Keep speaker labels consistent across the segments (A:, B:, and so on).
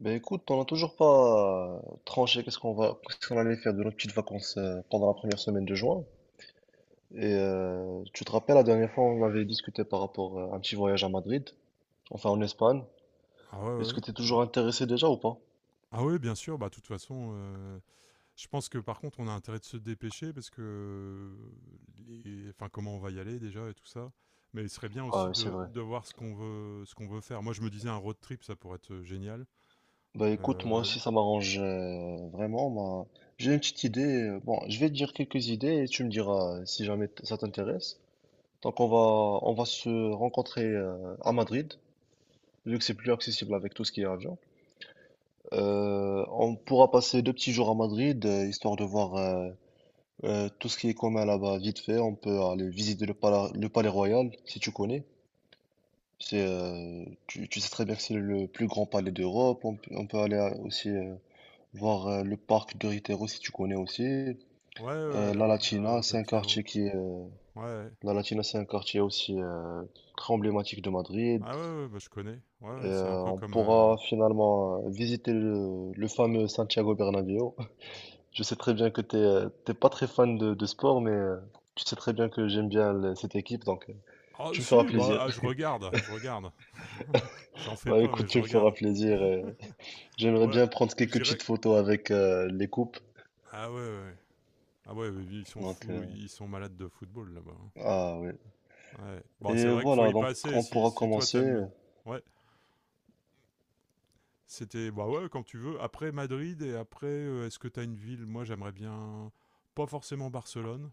A: Ben écoute, on n'a toujours pas tranché qu'est-ce qu'on allait faire de nos petites vacances pendant la première semaine de juin. Et tu te rappelles, la dernière fois, on avait discuté par rapport à un petit voyage à Madrid, enfin en Espagne.
B: Ah ouais, ouais,
A: Est-ce
B: ouais.
A: que tu es
B: Bah.
A: toujours intéressé déjà ou pas?
B: Ah ouais, bien sûr, bah de toute façon, je pense que par contre on a intérêt de se dépêcher parce que enfin comment on va y aller déjà et tout ça. Mais il serait bien
A: Ah
B: aussi
A: oui, c'est vrai.
B: de voir ce qu'on veut faire. Moi je me disais un road trip ça pourrait être génial.
A: Bah écoute, moi
B: Euh, l-
A: aussi ça m'arrange vraiment. Moi. J'ai une petite idée. Bon, je vais te dire quelques idées et tu me diras si jamais ça t'intéresse. Donc on va on va se rencontrer à Madrid, vu que c'est plus accessible avec tout ce qui est avion. On pourra passer deux petits jours à Madrid, histoire de voir tout ce qui est commun là-bas vite fait. On peut aller visiter le palais royal, si tu connais. Tu sais très bien que c'est le plus grand palais d'Europe. On peut aller aussi voir le parc de Ritero, si tu connais aussi.
B: ouais, ouais, ouais,
A: Euh, La
B: le
A: Latina, c'est un
B: Retiro.
A: quartier qui est, euh,
B: Ouais, ouais.
A: La Latina, c'est un quartier aussi très emblématique de Madrid.
B: Ah ouais, ouais, bah je connais. Ouais, ouais, c'est un peu
A: On
B: comme
A: pourra finalement visiter le fameux Santiago Bernabéu. Je sais très bien que t'es pas très fan de sport, mais tu sais très bien que j'aime bien cette équipe, donc
B: ah
A: tu me feras
B: si, bah
A: plaisir.
B: ah, je regarde, je regarde. J'en fais
A: Bah
B: pas mais
A: écoute,
B: je
A: tu me
B: regarde.
A: feras plaisir. J'aimerais
B: Ouais,
A: bien prendre
B: je
A: quelques petites
B: dirais.
A: photos avec les coupes.
B: Ah ouais, ouais. Ah ouais, ils sont
A: Donc euh,
B: fous, ils sont malades de football là-bas, hein.
A: ah ouais.
B: Ouais. Bon, c'est
A: Et
B: vrai qu'il faut
A: voilà,
B: y
A: donc
B: passer
A: on pourra
B: si toi
A: commencer.
B: t'aimes. Ouais, c'était bah ouais quand tu veux. Après Madrid et après, est-ce que t'as une ville? Moi, j'aimerais bien pas forcément Barcelone,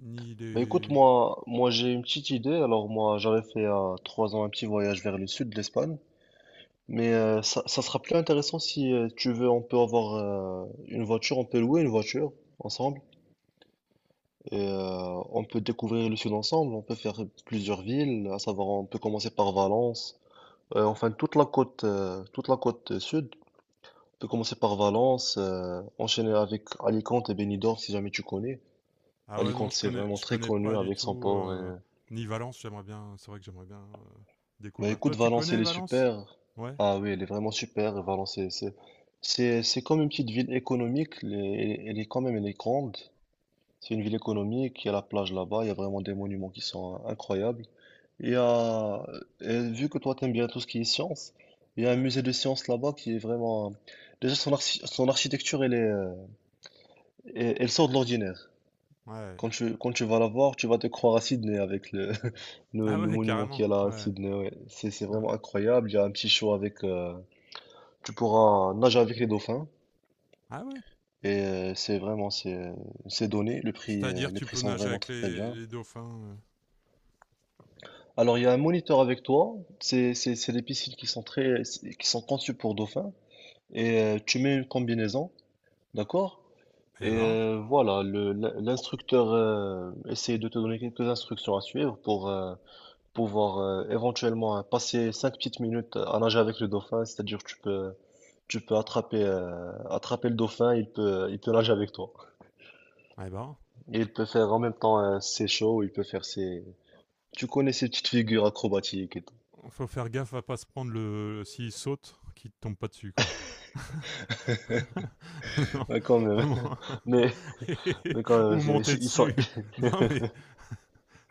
B: ni
A: Bah écoute,
B: les.
A: moi j'ai une petite idée. Alors moi, j'avais fait à trois ans un petit voyage vers le sud de l'Espagne, mais ça sera plus intéressant si tu veux. On peut avoir on peut louer une voiture ensemble. Et on peut découvrir le sud ensemble, on peut faire plusieurs villes, à savoir on peut commencer par Valence. Enfin toute la côte sud. On peut commencer par Valence, enchaîner avec Alicante et Benidorm si jamais tu connais.
B: Ah ouais, non,
A: Alicante c'est vraiment
B: je
A: très
B: connais
A: connu
B: pas du
A: avec son
B: tout.
A: port. Et...
B: Ni Valence, j'aimerais bien. C'est vrai que j'aimerais bien
A: Bah
B: découvrir. Toi,
A: écoute,
B: tu
A: Valence
B: connais
A: elle est
B: Valence?
A: super.
B: Ouais,
A: Ah oui, elle est vraiment super. Valence c'est comme une petite ville économique. Elle est grande. C'est une ville économique, il y a la plage là-bas, il y a vraiment des monuments qui sont incroyables. Et vu que toi t'aimes bien tout ce qui est science, il y a un musée de sciences là-bas qui est vraiment... Déjà son architecture, elle sort de l'ordinaire.
B: ouais.
A: Quand tu vas la voir, tu vas te croire à Sydney avec
B: Ah
A: le
B: ouais,
A: monument qu'il
B: carrément.
A: y a là à
B: Ouais,
A: Sydney. Ouais. C'est
B: ouais.
A: vraiment incroyable, il y a un petit show avec... tu pourras nager avec les dauphins.
B: Ah ouais.
A: Et c'est donné,
B: C'est-à-dire,
A: les
B: tu
A: prix
B: peux
A: sont
B: nager
A: vraiment
B: avec
A: très bien.
B: les dauphins?
A: Alors, il y a un moniteur avec toi. C'est des piscines qui sont conçues pour dauphins. Et tu mets une combinaison, d'accord?
B: Eh
A: Et
B: ben.
A: voilà, l'instructeur essaie de te donner quelques instructions à suivre pour pouvoir éventuellement passer 5 petites minutes à nager avec le dauphin. Tu peux attraper, attraper le dauphin. Il peut nager avec toi.
B: Eh ben,
A: Et il peut faire en même temps ses shows. Il peut faire ses. Tu connais ces petites figures acrobatiques et tout.
B: faut faire gaffe à pas se prendre le, s'il saute, qu'il te tombe pas dessus quoi. Non.
A: Ouais, quand même.
B: Bon.
A: Mais Mais quand même,
B: Ou monter
A: ils sont...
B: dessus. Non mais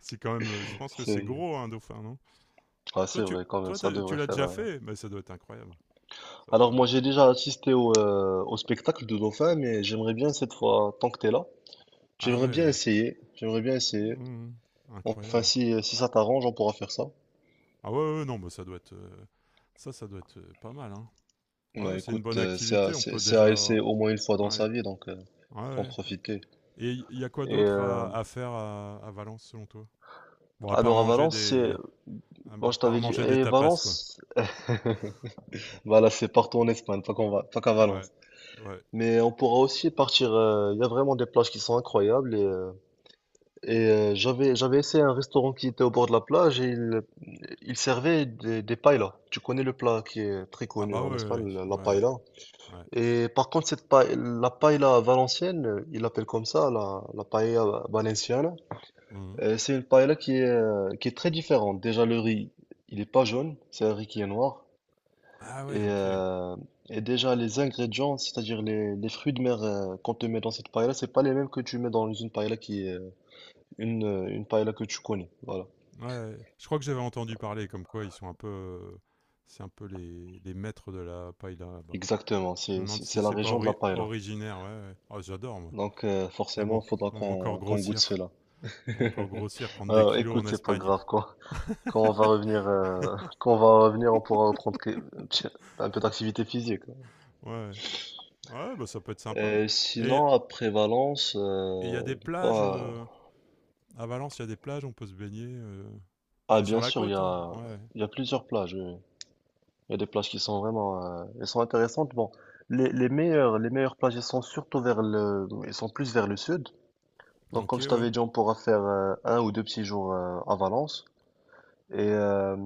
B: c'est quand même, je pense que c'est
A: c'est
B: gros un dauphin, non?
A: Ah, c'est vrai, quand même,
B: Toi
A: ça
B: tu
A: devrait
B: l'as
A: faire.
B: déjà
A: euh.
B: fait, mais ça doit être incroyable. Ça, ça-
A: Alors, moi, j'ai déjà assisté au spectacle de Dauphin, mais j'aimerais bien cette fois, tant que t'es là,
B: Ah
A: j'aimerais
B: ouais,
A: bien
B: ouais.
A: essayer. J'aimerais bien essayer.
B: Mmh.
A: Enfin,
B: Incroyable.
A: si ça t'arrange, on pourra faire ça.
B: Ah ouais, ouais, non, mais ça doit être, ça doit être pas mal, hein. Ouais,
A: Bah
B: c'est une
A: écoute,
B: bonne activité. On peut
A: c'est à
B: déjà.
A: essayer au moins une fois dans sa
B: Ouais,
A: vie, donc
B: ouais,
A: faut en
B: ouais.
A: profiter.
B: Et il y a quoi
A: Et
B: d'autre à faire à Valence selon toi? Bon, à part
A: alors, à
B: manger
A: Valence, c'est.
B: des, à
A: Moi, je
B: part
A: t'avais dit,
B: manger des
A: et
B: tapas, quoi.
A: Valence, bah là, c'est partout en Espagne, pas qu'à
B: Ouais,
A: Valence.
B: ouais.
A: Mais on pourra aussi partir. Il y a vraiment des plages qui sont incroyables. Et j'avais essayé un restaurant qui était au bord de la plage et il servait des paellas. Tu connais le plat qui est très
B: Ah
A: connu
B: bah
A: en Espagne,
B: ouais,
A: la
B: ouais,
A: paella.
B: ouais.
A: Et par contre, la paella valencienne, ils l'appellent comme ça, la paella valenciana.
B: Mhm.
A: C'est une paella qui est très différente. Déjà, le riz, il est pas jaune, c'est un riz qui est noir.
B: Ah ouais,
A: Et,
B: ok. Ouais,
A: euh, et déjà, les ingrédients, c'est-à-dire les fruits de mer qu'on te met dans cette paella, c'est pas les mêmes que tu mets dans une paella qui est une paella que tu connais. Voilà.
B: ouais, je crois que j'avais entendu parler comme quoi ils sont un peu, c'est un peu les maîtres de la paille là-bas.
A: Exactement.
B: Je me demande
A: C'est
B: si
A: la
B: c'est pas
A: région de la paella.
B: originaire, ouais, ouais. Oh, j'adore moi.
A: Donc,
B: Ah
A: forcément,
B: bon,
A: il faudra
B: on va encore
A: qu'on goûte
B: grossir,
A: cela.
B: on va encore grossir, prendre des
A: Alors,
B: kilos en
A: écoute, c'est pas
B: Espagne.
A: grave, quoi. Quand on va revenir, quand on va revenir, on pourra reprendre un peu d'activité physique.
B: Ouais, ouais, ouais, bah ça peut être sympa. Et
A: Sinon, à Prévalence,
B: et il y a des plages.
A: bah,
B: À Valence, il y a des plages, on peut se baigner. C'est sur
A: bien
B: la
A: sûr,
B: côte, hein. Ouais.
A: il y a plusieurs plages. Il y a des plages qui sont vraiment, elles sont intéressantes. Bon, les meilleures plages, elles sont surtout elles sont plus vers le sud. Donc,
B: Ok,
A: comme je
B: ouais.
A: t'avais dit, on pourra faire un ou deux petits jours à Valence. Et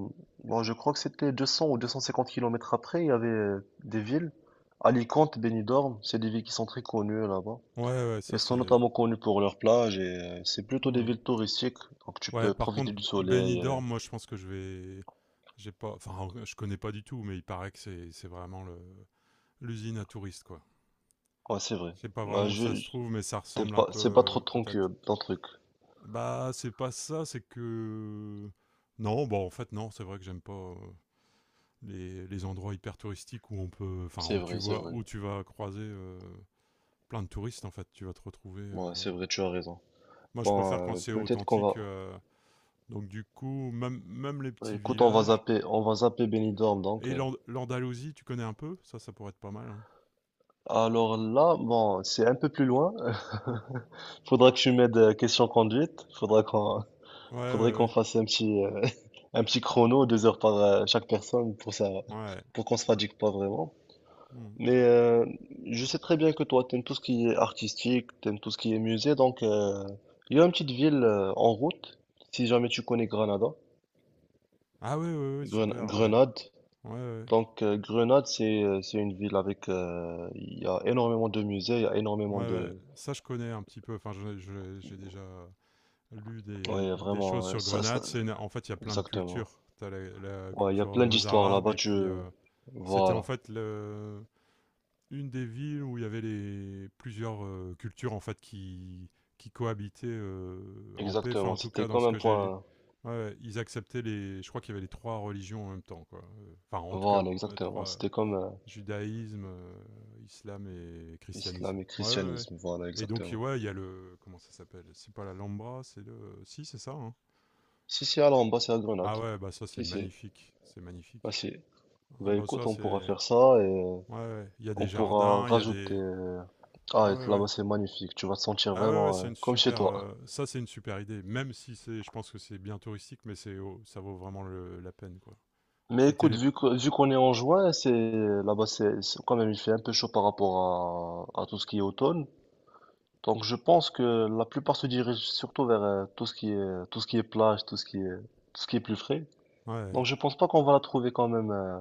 A: bon, je crois que c'était 200 ou 250 kilomètres après, il y avait des villes, Alicante, Benidorm, c'est des villes qui sont très connues là-bas.
B: Ouais, ouais, ça
A: Elles sont
B: c'est.
A: notamment connues pour leurs plages et c'est plutôt des
B: Hmm.
A: villes touristiques, donc tu
B: Ouais,
A: peux
B: par
A: profiter
B: contre,
A: du soleil.
B: Benidorm, moi je pense que je vais. J'ai pas. Enfin, je connais pas du tout, mais il paraît que c'est vraiment le l'usine à touristes, quoi.
A: Ouais, c'est vrai.
B: Je sais pas
A: Bah,
B: vraiment où ça
A: je,
B: se
A: je-
B: trouve, mais ça
A: T'aimes
B: ressemble un
A: pas,
B: peu,
A: c'est pas trop
B: peut-être.
A: ton truc.
B: Bah, c'est pas ça, c'est que. Non, bah en fait, non, c'est vrai que j'aime pas. Les endroits hyper touristiques où on peut enfin
A: C'est
B: où tu
A: vrai, c'est
B: vois
A: vrai.
B: où tu vas croiser plein de touristes en fait. Tu vas te retrouver.
A: Ouais, c'est vrai, tu as raison.
B: Moi, je
A: Bon,
B: préfère quand c'est
A: peut-être qu'on va...
B: authentique. Donc du coup, même, même les
A: Ouais,
B: petits
A: écoute,
B: villages.
A: on va zapper Benidorm, donc.
B: Et
A: euh.
B: l'Andalousie, tu connais un peu? Ça pourrait être pas mal, hein.
A: Alors là, bon, c'est un peu plus loin. Faudra que tu m'aides question conduite.
B: Ouais,
A: Faudrait qu'on
B: ouais,
A: fasse un petit, un petit chrono, 2 heures par chaque personne pour ça,
B: ouais. Ouais.
A: pour qu'on se fatigue pas vraiment.
B: Hmm.
A: Mais je sais très bien que toi, t'aimes tout ce qui est artistique, t'aimes tout ce qui est musée, donc il y a une petite ville en route, si jamais tu connais Granada,
B: Ah ouais, ouais, ouais, super, ouais.
A: Grenade.
B: Ouais, ouais.
A: Donc Grenade, c'est une ville avec il y a énormément de musées, il y a
B: Ouais,
A: énormément
B: ouais.
A: de
B: Ça, je connais un petit peu. Enfin, j'ai déjà lu
A: ouais
B: des choses
A: vraiment euh,
B: sur
A: ça, ça-
B: Grenade. En fait, il y a plein de
A: exactement.
B: cultures. T'as la, la
A: Ouais, il y a
B: culture
A: plein d'histoires
B: mozarabe
A: là-bas.
B: et
A: Tu
B: puis c'était en
A: Voilà
B: fait le, une des villes où il y avait les plusieurs cultures en fait qui cohabitaient en paix. Enfin,
A: exactement.
B: en tout cas,
A: C'était
B: dans
A: comme
B: ce
A: un
B: que j'ai lu,
A: point
B: ouais, ils acceptaient les. Je crois qu'il y avait les trois religions en même temps, quoi. Enfin, en tout cas,
A: voilà
B: les
A: exactement.
B: trois:
A: C'était comme
B: judaïsme, islam et christianisme.
A: islam et
B: Ouais, ouais, ouais.
A: christianisme voilà
B: Et donc,
A: exactement.
B: ouais, il y a le, comment ça s'appelle? C'est pas la Lambra, c'est le. Si, c'est ça, hein.
A: Si si Alors en bas c'est à Grenade.
B: Ah ouais, bah ça c'est
A: Si si
B: magnifique, c'est magnifique.
A: Si.
B: Ah
A: Bah
B: bah
A: écoute
B: ça
A: on pourra
B: c'est.
A: faire ça et
B: Ouais, ouais. Il y a
A: on
B: des
A: pourra
B: jardins, il y a
A: rajouter.
B: des.
A: Ah
B: Ah ouais,
A: et
B: ouais.
A: là-bas c'est magnifique. Tu vas te sentir
B: Ah ouais, ouais,
A: vraiment
B: c'est une
A: comme chez
B: super,
A: toi.
B: ça c'est une super idée. Même si c'est, je pense que c'est bien touristique, mais c'est, oh, ça vaut vraiment la peine quoi.
A: Mais
B: C'était
A: écoute,
B: les,
A: vu qu'on est en juin, c'est là-bas, quand même, il fait un peu chaud par rapport à tout ce qui est automne. Donc, je pense que la plupart se dirigent surtout vers tout ce qui est plage, tout ce qui est plus frais.
B: ouais,
A: Donc, je pense pas qu'on va la trouver quand même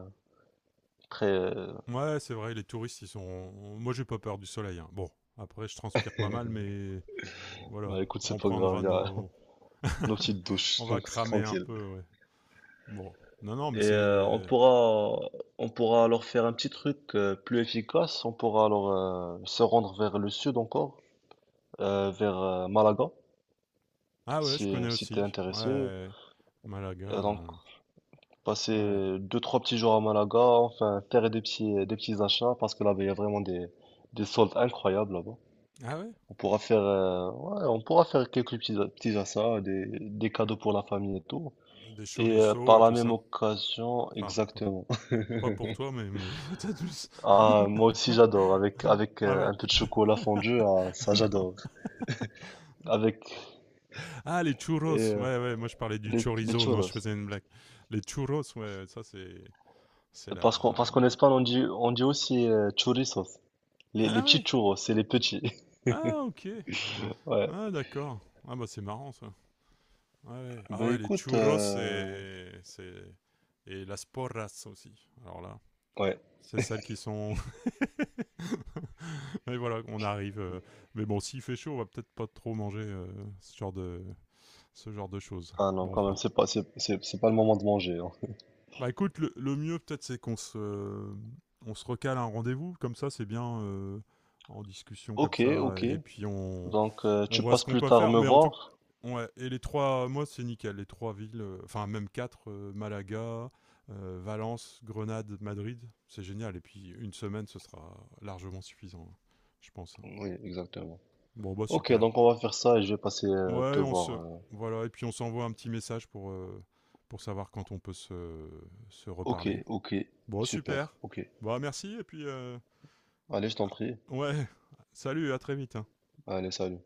A: très.
B: ouais, c'est vrai, les touristes ils sont, moi j'ai pas peur du soleil, hein. Bon, après je transpire pas mal, mais voilà,
A: Bah, écoute,
B: on
A: c'est pas grave,
B: prendra
A: il y a
B: nos,
A: nos petites
B: on
A: douches,
B: va
A: donc c'est
B: cramer un
A: tranquille.
B: peu, ouais. Bon, non non, mais
A: Et
B: c'est,
A: on pourra alors faire un petit truc plus efficace. On pourra alors se rendre vers le sud encore, vers Malaga.
B: ah ouais, je
A: Si,
B: connais
A: si t'es
B: aussi,
A: intéressé,
B: ouais, Malaga,
A: donc
B: ouais,
A: passer deux, trois petits jours à Malaga, enfin faire des petits achats parce que là-bas il y a vraiment des soldes incroyables là-bas.
B: ah ouais,
A: On pourra faire, ouais, on pourra faire quelques petits, petits achats, des cadeaux pour la famille et tout.
B: des
A: Et
B: chorizos
A: par
B: et
A: la
B: tout
A: même
B: ça.
A: occasion,
B: Enfin,
A: exactement.
B: pas pour toi, mais peut-être plus.
A: Ah, moi aussi j'adore, avec
B: Ah ouais.
A: un peu de chocolat fondu, ah, ça
B: Non.
A: j'adore. Avec
B: Ah, les churros.
A: euh,
B: Ouais, ouais, moi je parlais du
A: les
B: chorizo. Non,
A: churros.
B: je faisais une blague. Les churros, ouais, ouais, ça c'est. C'est la.
A: Parce qu'en Espagne on dit aussi churrisos. Les
B: Ah
A: petits
B: ouais.
A: churros, c'est les petits.
B: Ah, ok.
A: Ouais.
B: Ah, d'accord. Ah, bah c'est marrant ça. Ouais, ouais. Ah
A: Ben
B: ouais, les
A: écoute,
B: churros c'est, c'est. Et las porras aussi. Alors là,
A: ouais.
B: c'est celles qui sont. Mais voilà, on arrive. Mais bon, s'il fait chaud, on va peut-être pas trop manger ce genre ce genre de choses.
A: Ah non,
B: Bon,
A: quand même,
B: enfin.
A: c'est pas le moment de manger. Hein.
B: Bah écoute, le mieux peut-être c'est qu'on se, on se recale un rendez-vous, comme ça c'est bien en discussion comme
A: Ok,
B: ça,
A: ok.
B: et puis
A: Donc
B: on
A: tu
B: voit ce
A: passes
B: qu'on
A: plus
B: peut
A: tard
B: faire.
A: me
B: Mais en tout
A: voir?
B: ouais, et les trois, moi c'est nickel, les trois villes, enfin même quatre, Malaga, Valence, Grenade, Madrid, c'est génial. Et puis une semaine, ce sera largement suffisant, hein, je pense, hein.
A: Oui, exactement.
B: Bon, bah
A: Ok,
B: super.
A: donc on va faire ça et je vais passer euh, te
B: Ouais, on
A: voir.
B: se.
A: euh.
B: Voilà, et puis on s'envoie un petit message pour savoir quand on peut se, se
A: Ok,
B: reparler.
A: ok.
B: Bon,
A: Super,
B: super.
A: ok.
B: Bon, merci, et puis.
A: Allez, je t'en
B: Ah,
A: prie.
B: Ouais, salut, à très vite, hein.
A: Allez, salut.